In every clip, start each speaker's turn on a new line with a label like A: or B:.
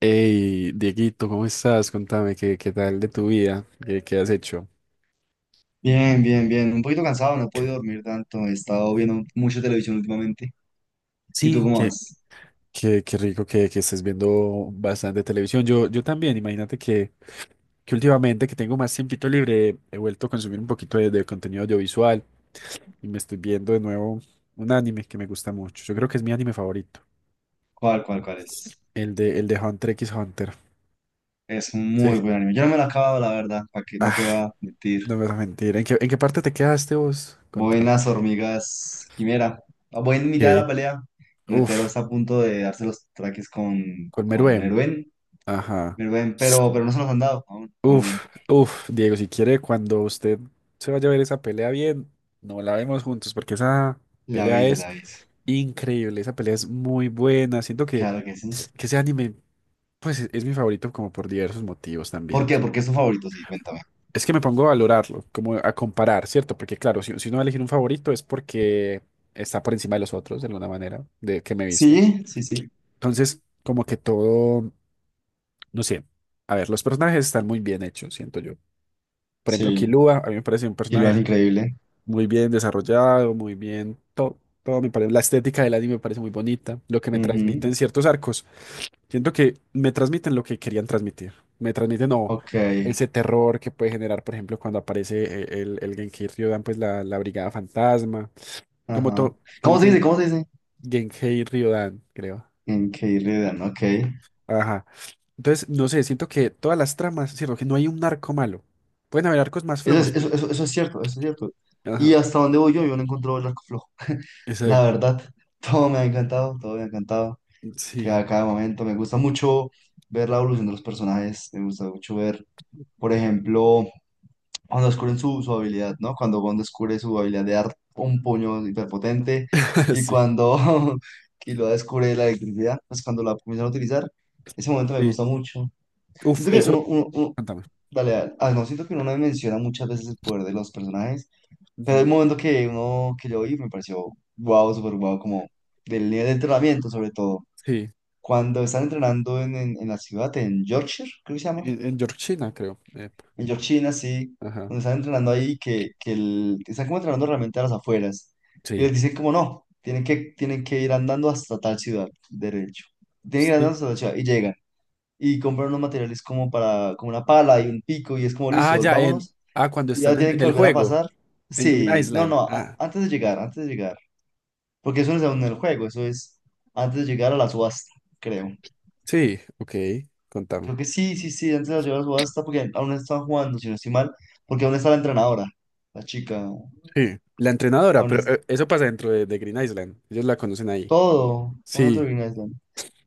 A: Hey, Dieguito, ¿cómo estás? Contame, ¿qué tal de tu vida? ¿Qué has hecho?
B: Bien, bien, bien. Un poquito cansado, no he podido dormir tanto. He estado viendo mucha televisión últimamente. ¿Y tú
A: Sí,
B: cómo
A: Qué,
B: vas?
A: qué, qué rico que estés viendo bastante televisión. Yo también, imagínate que últimamente que tengo más tiempito libre, he vuelto a consumir un poquito de contenido audiovisual y me estoy viendo de nuevo un anime que me gusta mucho. Yo creo que es mi anime favorito,
B: ¿Cuál es?
A: el de Hunter x Hunter.
B: Es un
A: Sí.
B: muy buen anime. Yo no me lo he acabado, la verdad, para que no
A: Ah,
B: te va a mentir.
A: no me vas a mentir. ¿En qué parte te quedaste vos?
B: Voy en
A: Contame.
B: las hormigas quimera. Voy en mitad de
A: Ok.
B: la pelea. Netero
A: Uf,
B: está a punto de darse los traques con,
A: con
B: con
A: Meruem.
B: Meruén.
A: Ajá.
B: Meruén, pero no se los han dado. Aún, aún.
A: Uf, uf, Diego, si quiere, cuando usted se vaya a ver esa pelea bien, no la vemos juntos, porque esa
B: Le
A: pelea
B: aviso, le
A: es
B: aviso.
A: increíble, esa pelea es muy buena. Siento que,
B: Claro que sí.
A: que ese anime, pues es mi favorito como por diversos motivos
B: ¿Por
A: también.
B: qué? Porque es tu favorito, sí, cuéntame.
A: Es que me pongo a valorarlo, como a comparar, ¿cierto? Porque claro, si uno va a elegir un favorito es porque está por encima de los otros, de alguna manera, de que me he visto.
B: Sí, sí, sí.
A: Entonces, como que todo, no sé, a ver, los personajes están muy bien hechos, siento yo. Por ejemplo,
B: Sí,
A: Killua, a mí me parece un
B: y lo
A: personaje
B: hace increíble.
A: muy bien desarrollado, muy bien, todo me parece, la estética del anime me parece muy bonita, lo que me
B: Ujú.
A: transmiten ciertos arcos, siento que me transmiten lo que querían transmitir, me transmiten o
B: Ok.
A: ese terror que puede generar, por ejemplo, cuando aparece el Genkai Ryodan, pues la Brigada Fantasma,
B: Ajá.
A: como
B: ¿Cómo se dice?
A: que
B: ¿Cómo se dice?
A: Genkai Ryodan, creo.
B: En Keirledan, ok.
A: Ajá. Entonces, no sé, siento que todas las tramas, sino que no hay un arco malo. Pueden haber arcos más
B: Eso es,
A: flojos, pero...
B: eso es cierto, eso es cierto. Y
A: Ajá.
B: hasta donde voy yo no encuentro el arco flojo. La
A: Exacto.
B: verdad, todo me ha encantado, todo me ha encantado.
A: Sí.
B: Cada momento, me gusta mucho ver la evolución de los personajes, me gusta mucho ver, por ejemplo, cuando descubren su habilidad, ¿no? Cuando Gon descubre su habilidad de dar un puño hiperpotente y
A: Sí,
B: cuando Killua descubre la electricidad, pues cuando la comienzan a utilizar, ese momento me
A: sí.
B: gusta mucho.
A: Uf,
B: Siento que
A: eso.
B: uno-
A: Cuéntame.
B: Dale, dale. Ah, no, siento que uno no menciona muchas veces el poder de los personajes, pero el
A: Ujú.
B: momento que uno que yo vi me pareció wow, súper wow, como del nivel de entrenamiento, sobre todo.
A: Sí,
B: Cuando están entrenando en la ciudad, en Yorkshire, creo que se llama,
A: en Georgina, creo.
B: en Yorkshire, sí,
A: Ajá.
B: cuando están entrenando ahí, que el- están como entrenando realmente a las afueras, y
A: Sí,
B: les dicen como no, tienen que ir andando hasta tal ciudad, derecho. Tienen que ir andando
A: sí.
B: hasta tal ciudad, y llegan, y compran unos materiales como para, como una pala y un pico, y es como
A: Ah,
B: listo,
A: ya, en.
B: vámonos.
A: Ah, cuando
B: Y
A: están
B: ya
A: en,
B: tienen
A: en
B: que
A: el
B: volver a
A: juego,
B: pasar.
A: en Green
B: Sí, no,
A: Island.
B: no, a-
A: Ah,
B: antes de llegar, antes de llegar. Porque eso no es aún en el juego, eso es antes de llegar a la subasta, creo.
A: sí, ok, contame.
B: Creo que sí, sí, sí, antes de llegar a la subasta, porque aún están jugando, si no estoy mal, porque aún está la entrenadora, la chica,
A: Sí, la entrenadora,
B: aún
A: pero
B: es
A: eso pasa dentro de Green Island. Ellos la conocen ahí.
B: todo, pasa todo
A: Sí,
B: Green Island.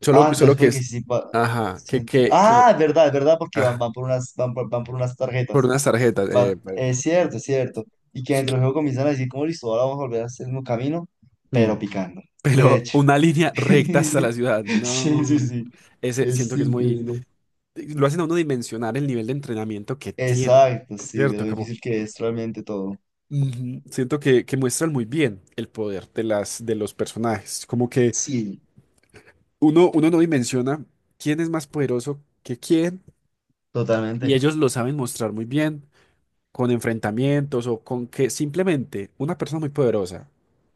A: solo,
B: Ah,
A: solo
B: entonces
A: que
B: puede que
A: es.
B: sí, pa-
A: Ajá,
B: sí, ent-
A: que, que.
B: Ah, es verdad, porque van,
A: Ah,
B: van por unas, van por unas
A: por
B: tarjetas.
A: unas tarjetas.
B: Van, es cierto, es cierto. Y que dentro del juego comienzan a decir, como listo, ahora vamos a volver a hacer el mismo camino,
A: Mm,
B: pero picando. De
A: pero
B: hecho.
A: una línea recta hasta la ciudad.
B: Sí, sí,
A: No.
B: sí.
A: Ese
B: Es
A: siento que es muy.
B: increíble.
A: Lo hacen a uno dimensionar el nivel de entrenamiento que tiene,
B: Exacto, sí, de lo
A: ¿cierto? Como
B: difícil que es realmente todo.
A: ujú, siento que muestran muy bien el poder de los personajes, como que
B: Sí,
A: uno no dimensiona quién es más poderoso que quién y
B: totalmente.
A: ellos lo saben mostrar muy bien con enfrentamientos o con que simplemente una persona muy poderosa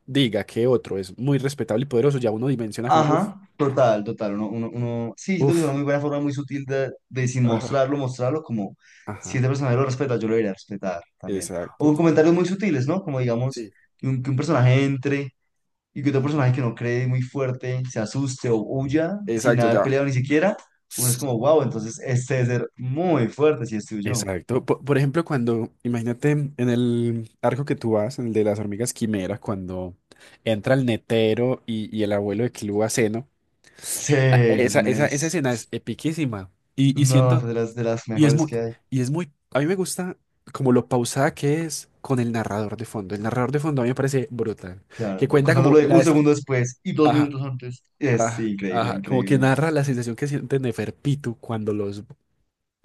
A: diga que otro es muy respetable y poderoso, ya uno dimensiona como, uff,
B: Ajá, total, total. Uno- sí, siento que es una
A: uff,
B: muy buena forma, muy sutil de sin
A: ajá,
B: mostrarlo, mostrarlo como si
A: ajá,
B: este personaje lo respeta, yo lo iré a respetar también. O
A: exacto.
B: con comentarios muy sutiles, ¿no? Como digamos,
A: Sí.
B: que un personaje entre y que otro
A: Ujú,
B: personaje que no cree muy fuerte se asuste o huya sin
A: exacto,
B: haber
A: ya.
B: peleado ni siquiera. Uno es como, wow, entonces este debe ser muy fuerte si es tuyo.
A: Exacto. Por ejemplo, cuando, imagínate en el arco que tú vas, en el de las hormigas quimeras, cuando entra el Netero y el abuelo de Clú a seno,
B: Sí,
A: a-
B: esa
A: esa,
B: escena
A: esa, esa
B: es.
A: escena es epiquísima. Y
B: No, es
A: siento,
B: de las
A: y es
B: mejores
A: muy,
B: que hay.
A: y es muy, a mí me gusta como lo pausada que es con el narrador de fondo. El narrador de fondo a mí me parece brutal, que
B: Claro,
A: cuenta como
B: contándolo de
A: la,
B: un segundo después y dos
A: ajá,
B: minutos antes. Es
A: ajá,
B: sí, increíble,
A: ajá, como que
B: increíble.
A: narra la sensación que siente Neferpitu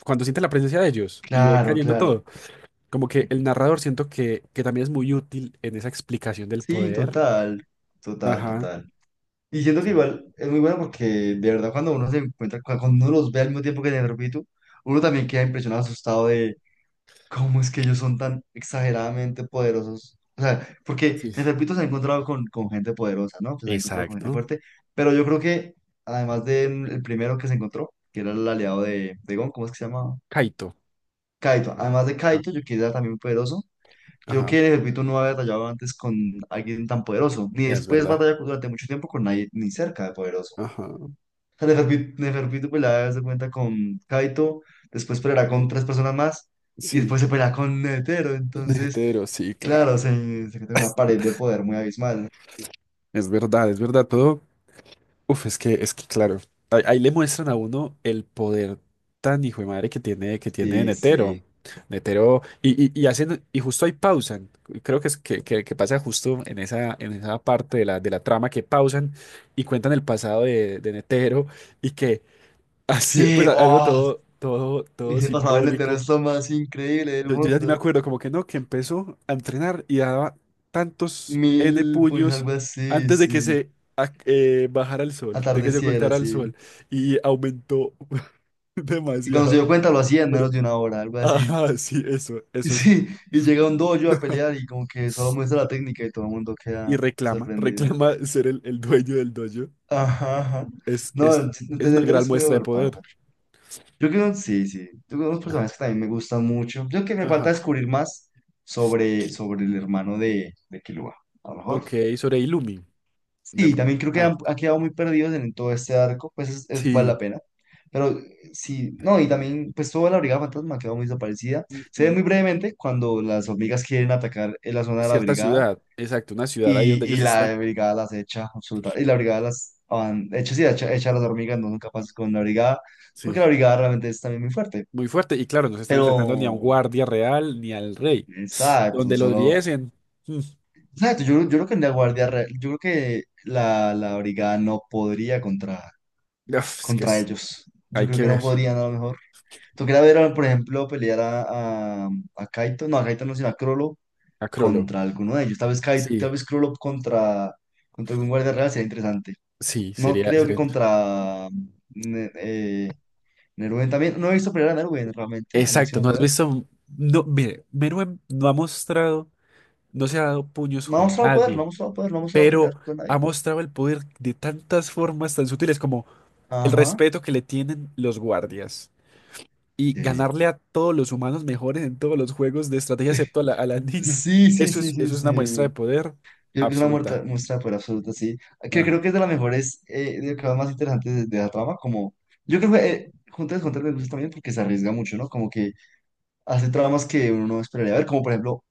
A: cuando siente la presencia de ellos y ve
B: Claro,
A: cayendo
B: claro.
A: todo. Como que el narrador siento que también es muy útil en esa explicación del
B: Sí,
A: poder.
B: total, total,
A: Ajá.
B: total. Y siento que
A: Eso.
B: igual es muy bueno porque de verdad cuando uno se encuentra, cu- cuando uno los ve al mismo tiempo que te el repito, uno también queda impresionado, asustado. ¿Cómo es que ellos son tan exageradamente poderosos? O sea, porque,
A: Sí.
B: les repito, se ha encontrado con gente poderosa, ¿no? Pues se ha encontrado con gente
A: Exacto.
B: fuerte, pero yo creo que, además del primero que se encontró, que era el aliado de Gon, ¿cómo es que se llamaba?
A: Kaito.
B: Kaito.
A: No.
B: Además de
A: Ah,
B: Kaito, yo que era también poderoso, yo creo
A: ajá.
B: que, les repito, no había batallado antes con alguien tan poderoso, ni
A: Es
B: después
A: verdad.
B: batalla durante mucho tiempo con nadie ni cerca de poderoso.
A: Ajá.
B: Neferpitu pelea, se cuenta con Kaito, después peleará con tres personas más y
A: Sí.
B: después se pelea con Netero. Entonces,
A: Netero, sí, claro.
B: claro, se encuentra con una pared de poder muy abismal.
A: Es verdad, es verdad. Todo. Uf, es que claro, ahí le muestran a uno el poder tan hijo de madre que tiene
B: Sí,
A: Netero.
B: sí.
A: Netero, y hacen, y justo ahí pausan. Creo que es que pasa justo en esa parte de la trama que pausan y cuentan el pasado de Netero y que así, pues
B: Sí,
A: algo
B: oh,
A: todo
B: ese pasado en Netero
A: simbólico.
B: es lo más increíble del
A: Yo ya ni me
B: mundo.
A: acuerdo, como que no, que empezó a entrenar y daba tantos N
B: 1.000 puños,
A: puños
B: algo así,
A: antes de que
B: sí.
A: se bajara el sol, de que se
B: Atardeciera,
A: ocultara el
B: sí.
A: sol. Y aumentó
B: Y cuando se
A: demasiado.
B: dio cuenta lo hacía en
A: Pero,
B: menos de una hora, algo así.
A: ajá, sí, eso,
B: Y
A: eso es.
B: sí, y llega un dojo a pelear y como que solo muestra la técnica y todo el mundo
A: Y
B: queda
A: reclama,
B: sorprendido.
A: reclama ser el dueño del dojo.
B: Ajá, ajá.
A: Es,
B: No,
A: es,
B: el Ted
A: es una
B: Ted
A: gran
B: es muy
A: muestra de
B: overpower.
A: poder.
B: Yo creo que sí, sí. Yo creo que unos personajes que también me gustan mucho. Yo creo que me falta
A: Ajá.
B: descubrir más sobre el hermano de Killua, a lo mejor.
A: Ok, sobre Illumi. De-
B: Sí, también creo que han,
A: Ajá.
B: han quedado muy perdidos en todo este arco, pues es- vale la
A: Sí.
B: pena. Pero sí, no, y también, pues toda la Brigada Fantasma ha quedado muy desaparecida. Se ve
A: Ujú.
B: muy brevemente cuando las hormigas quieren atacar en la zona de la
A: Cierta
B: brigada,
A: ciudad, exacto, una ciudad ahí donde
B: y
A: ellos están.
B: la brigada las echa, absoluta. Y la brigada las van, echa, sí, echa, echa a las hormigas, no son capaces con la brigada,
A: Sí,
B: porque la brigada realmente es también muy fuerte.
A: muy fuerte. Y claro, no se están
B: Pero,
A: enfrentando ni a un guardia real ni al rey.
B: quién sabe, pues no
A: Donde los
B: solo.
A: viesen. mm,
B: Exacto, yo creo que en la guardia, re- yo creo que la brigada no podría contra,
A: Uf, es que
B: contra ellos. Yo
A: hay
B: creo
A: que
B: que no
A: ver.
B: podrían a lo mejor. Tú Tocaría ver, por ejemplo, pelear a Kaito no, sino a Crollo
A: A Crollo.
B: contra alguno de ellos. Tal vez, Kai-
A: Sí,
B: tal vez Crollo contra algún guardia real sería interesante.
A: sí,
B: No
A: sería,
B: creo que
A: sería.
B: contra Ne- Nerwen también. No he visto pelear a Nerwen realmente, al
A: Exacto,
B: máximo
A: no has
B: poder.
A: visto. No, mire, Meruem no ha mostrado, no se ha dado puños
B: No ha
A: con
B: mostrado poder, no ha
A: nadie,
B: mostrado poder, no ha mostrado pelear
A: pero
B: con
A: ha
B: nadie.
A: mostrado el poder de tantas formas tan sutiles como el
B: Ajá.
A: respeto que le tienen los guardias. Y
B: Sí.
A: ganarle a todos los humanos mejores en todos los juegos de estrategia, excepto a la niña.
B: Sí, sí,
A: Eso es,
B: sí, sí,
A: eso es
B: sí.
A: una muestra
B: Yo
A: de poder
B: creo que es una
A: absoluta.
B: muestra de poder absoluta, sí. Que
A: Ajá.
B: creo que es de las mejores, de las más interesantes de la trama. Como, yo creo que Hunter x Hunter me gusta también porque se arriesga mucho, ¿no? Como que hace tramas que uno no esperaría ver, como por ejemplo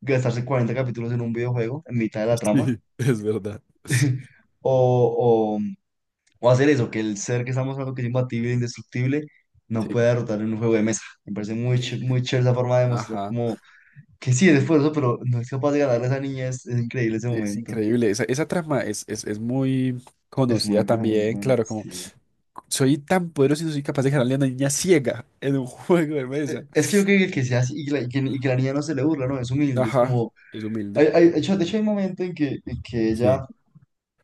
B: gastarse 40 capítulos en un videojuego en mitad de la trama.
A: Sí, es verdad.
B: O, O, hacer eso, que el ser que estamos hablando que es imbatible e indestructible no
A: Sí.
B: pueda derrotar en un juego de mesa. Me parece muy,
A: Eh,
B: ch- muy chévere esa forma de mostrar
A: ajá.
B: como que sí, es esfuerzo, pero no es capaz de ganarle a esa niña. Es increíble ese
A: Es
B: momento.
A: increíble. Esa trama es muy
B: Es
A: conocida
B: muy
A: también.
B: buena,
A: Claro, como
B: sí.
A: soy tan poderoso y no soy capaz de ganarle a una niña ciega en un juego de mesa.
B: Es que yo creo que, sea así y que, la, y que la niña no se le burla, ¿no? Es humilde, es
A: Ajá.
B: como.
A: Es humilde.
B: De hecho, hay un momento en que ella,
A: Sí.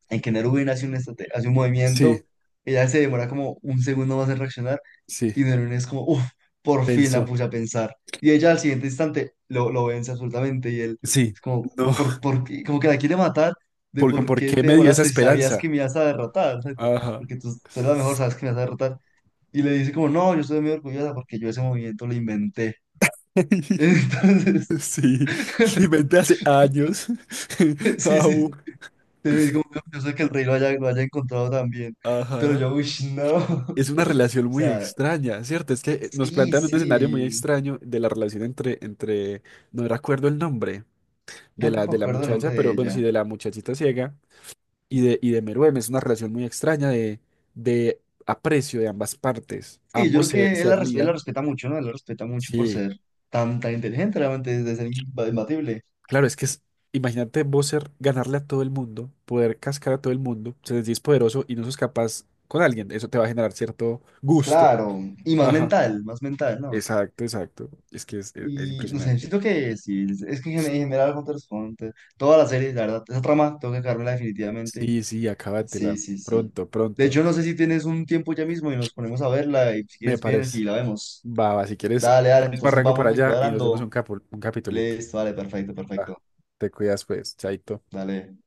B: en que Nerubin hace un
A: Sí,
B: movimiento, ella se demora como un segundo más en reaccionar.
A: sí.
B: Y Danone es como, uff, por fin la
A: Pensó.
B: puse a pensar. Y ella al siguiente instante lo vence absolutamente y él
A: Sí.
B: es como,
A: No.
B: por qué- como que la quiere matar de
A: ¿Por,
B: por
A: por
B: qué
A: qué
B: te
A: me dio esa
B: demoraste si sabías
A: esperanza?
B: que me ibas a derrotar, ¿sabes?
A: Ajá.
B: Porque tú eres la mejor, sabes que me vas a derrotar. Y le dice como, no, yo estoy muy orgullosa porque yo ese movimiento lo inventé. Entonces,
A: Sí, lo inventé hace años.
B: sí, sí,
A: Au,
B: como que yo sé que el rey lo haya encontrado también. Pero
A: ajá.
B: yo, uy, no.
A: Es una relación
B: O
A: muy
B: sea,
A: extraña, ¿cierto? Es que nos
B: sí,
A: plantean un escenario muy
B: sí.
A: extraño de la relación entre, no recuerdo el nombre de la,
B: Tampoco
A: de
B: me
A: la
B: acuerdo el nombre
A: muchacha,
B: de
A: pero bueno, sí,
B: ella.
A: de la muchachita ciega y de Meruem. Es una relación muy extraña de aprecio de ambas partes.
B: Sí, yo
A: Ambos
B: creo
A: se,
B: que
A: se
B: él la
A: admiran.
B: respeta mucho, ¿no? Él la respeta mucho por
A: Sí.
B: ser tan inteligente, realmente, desde ser imbatible.
A: Claro, es que es, imagínate vos ser, ganarle a todo el mundo, poder cascar a todo el mundo, se les dice poderoso y no sos capaz con alguien. Eso te va a generar cierto gusto.
B: Claro, y
A: Ajá.
B: más mental, ¿no?
A: Exacto, exacto. Es que es
B: Y no sé,
A: impresionante.
B: siento que sí, es que en general Hunter x Hunter, toda la serie, la verdad, esa trama, tengo que cargarla definitivamente.
A: Sí, sí,
B: Sí,
A: acábatela.
B: sí, sí.
A: Pronto,
B: De
A: pronto.
B: hecho, no sé si tienes un tiempo ya mismo y nos ponemos a verla y si
A: Me
B: quieres vienes
A: parece.
B: y la vemos.
A: Va, va, si quieres,
B: Dale,
A: ya
B: dale,
A: mismo
B: entonces
A: arranco para
B: vamos
A: allá y nos vemos
B: cuadrando.
A: un capitulito.
B: Listo, vale, perfecto,
A: Va,
B: perfecto.
A: te cuidas pues, chaito.
B: Dale.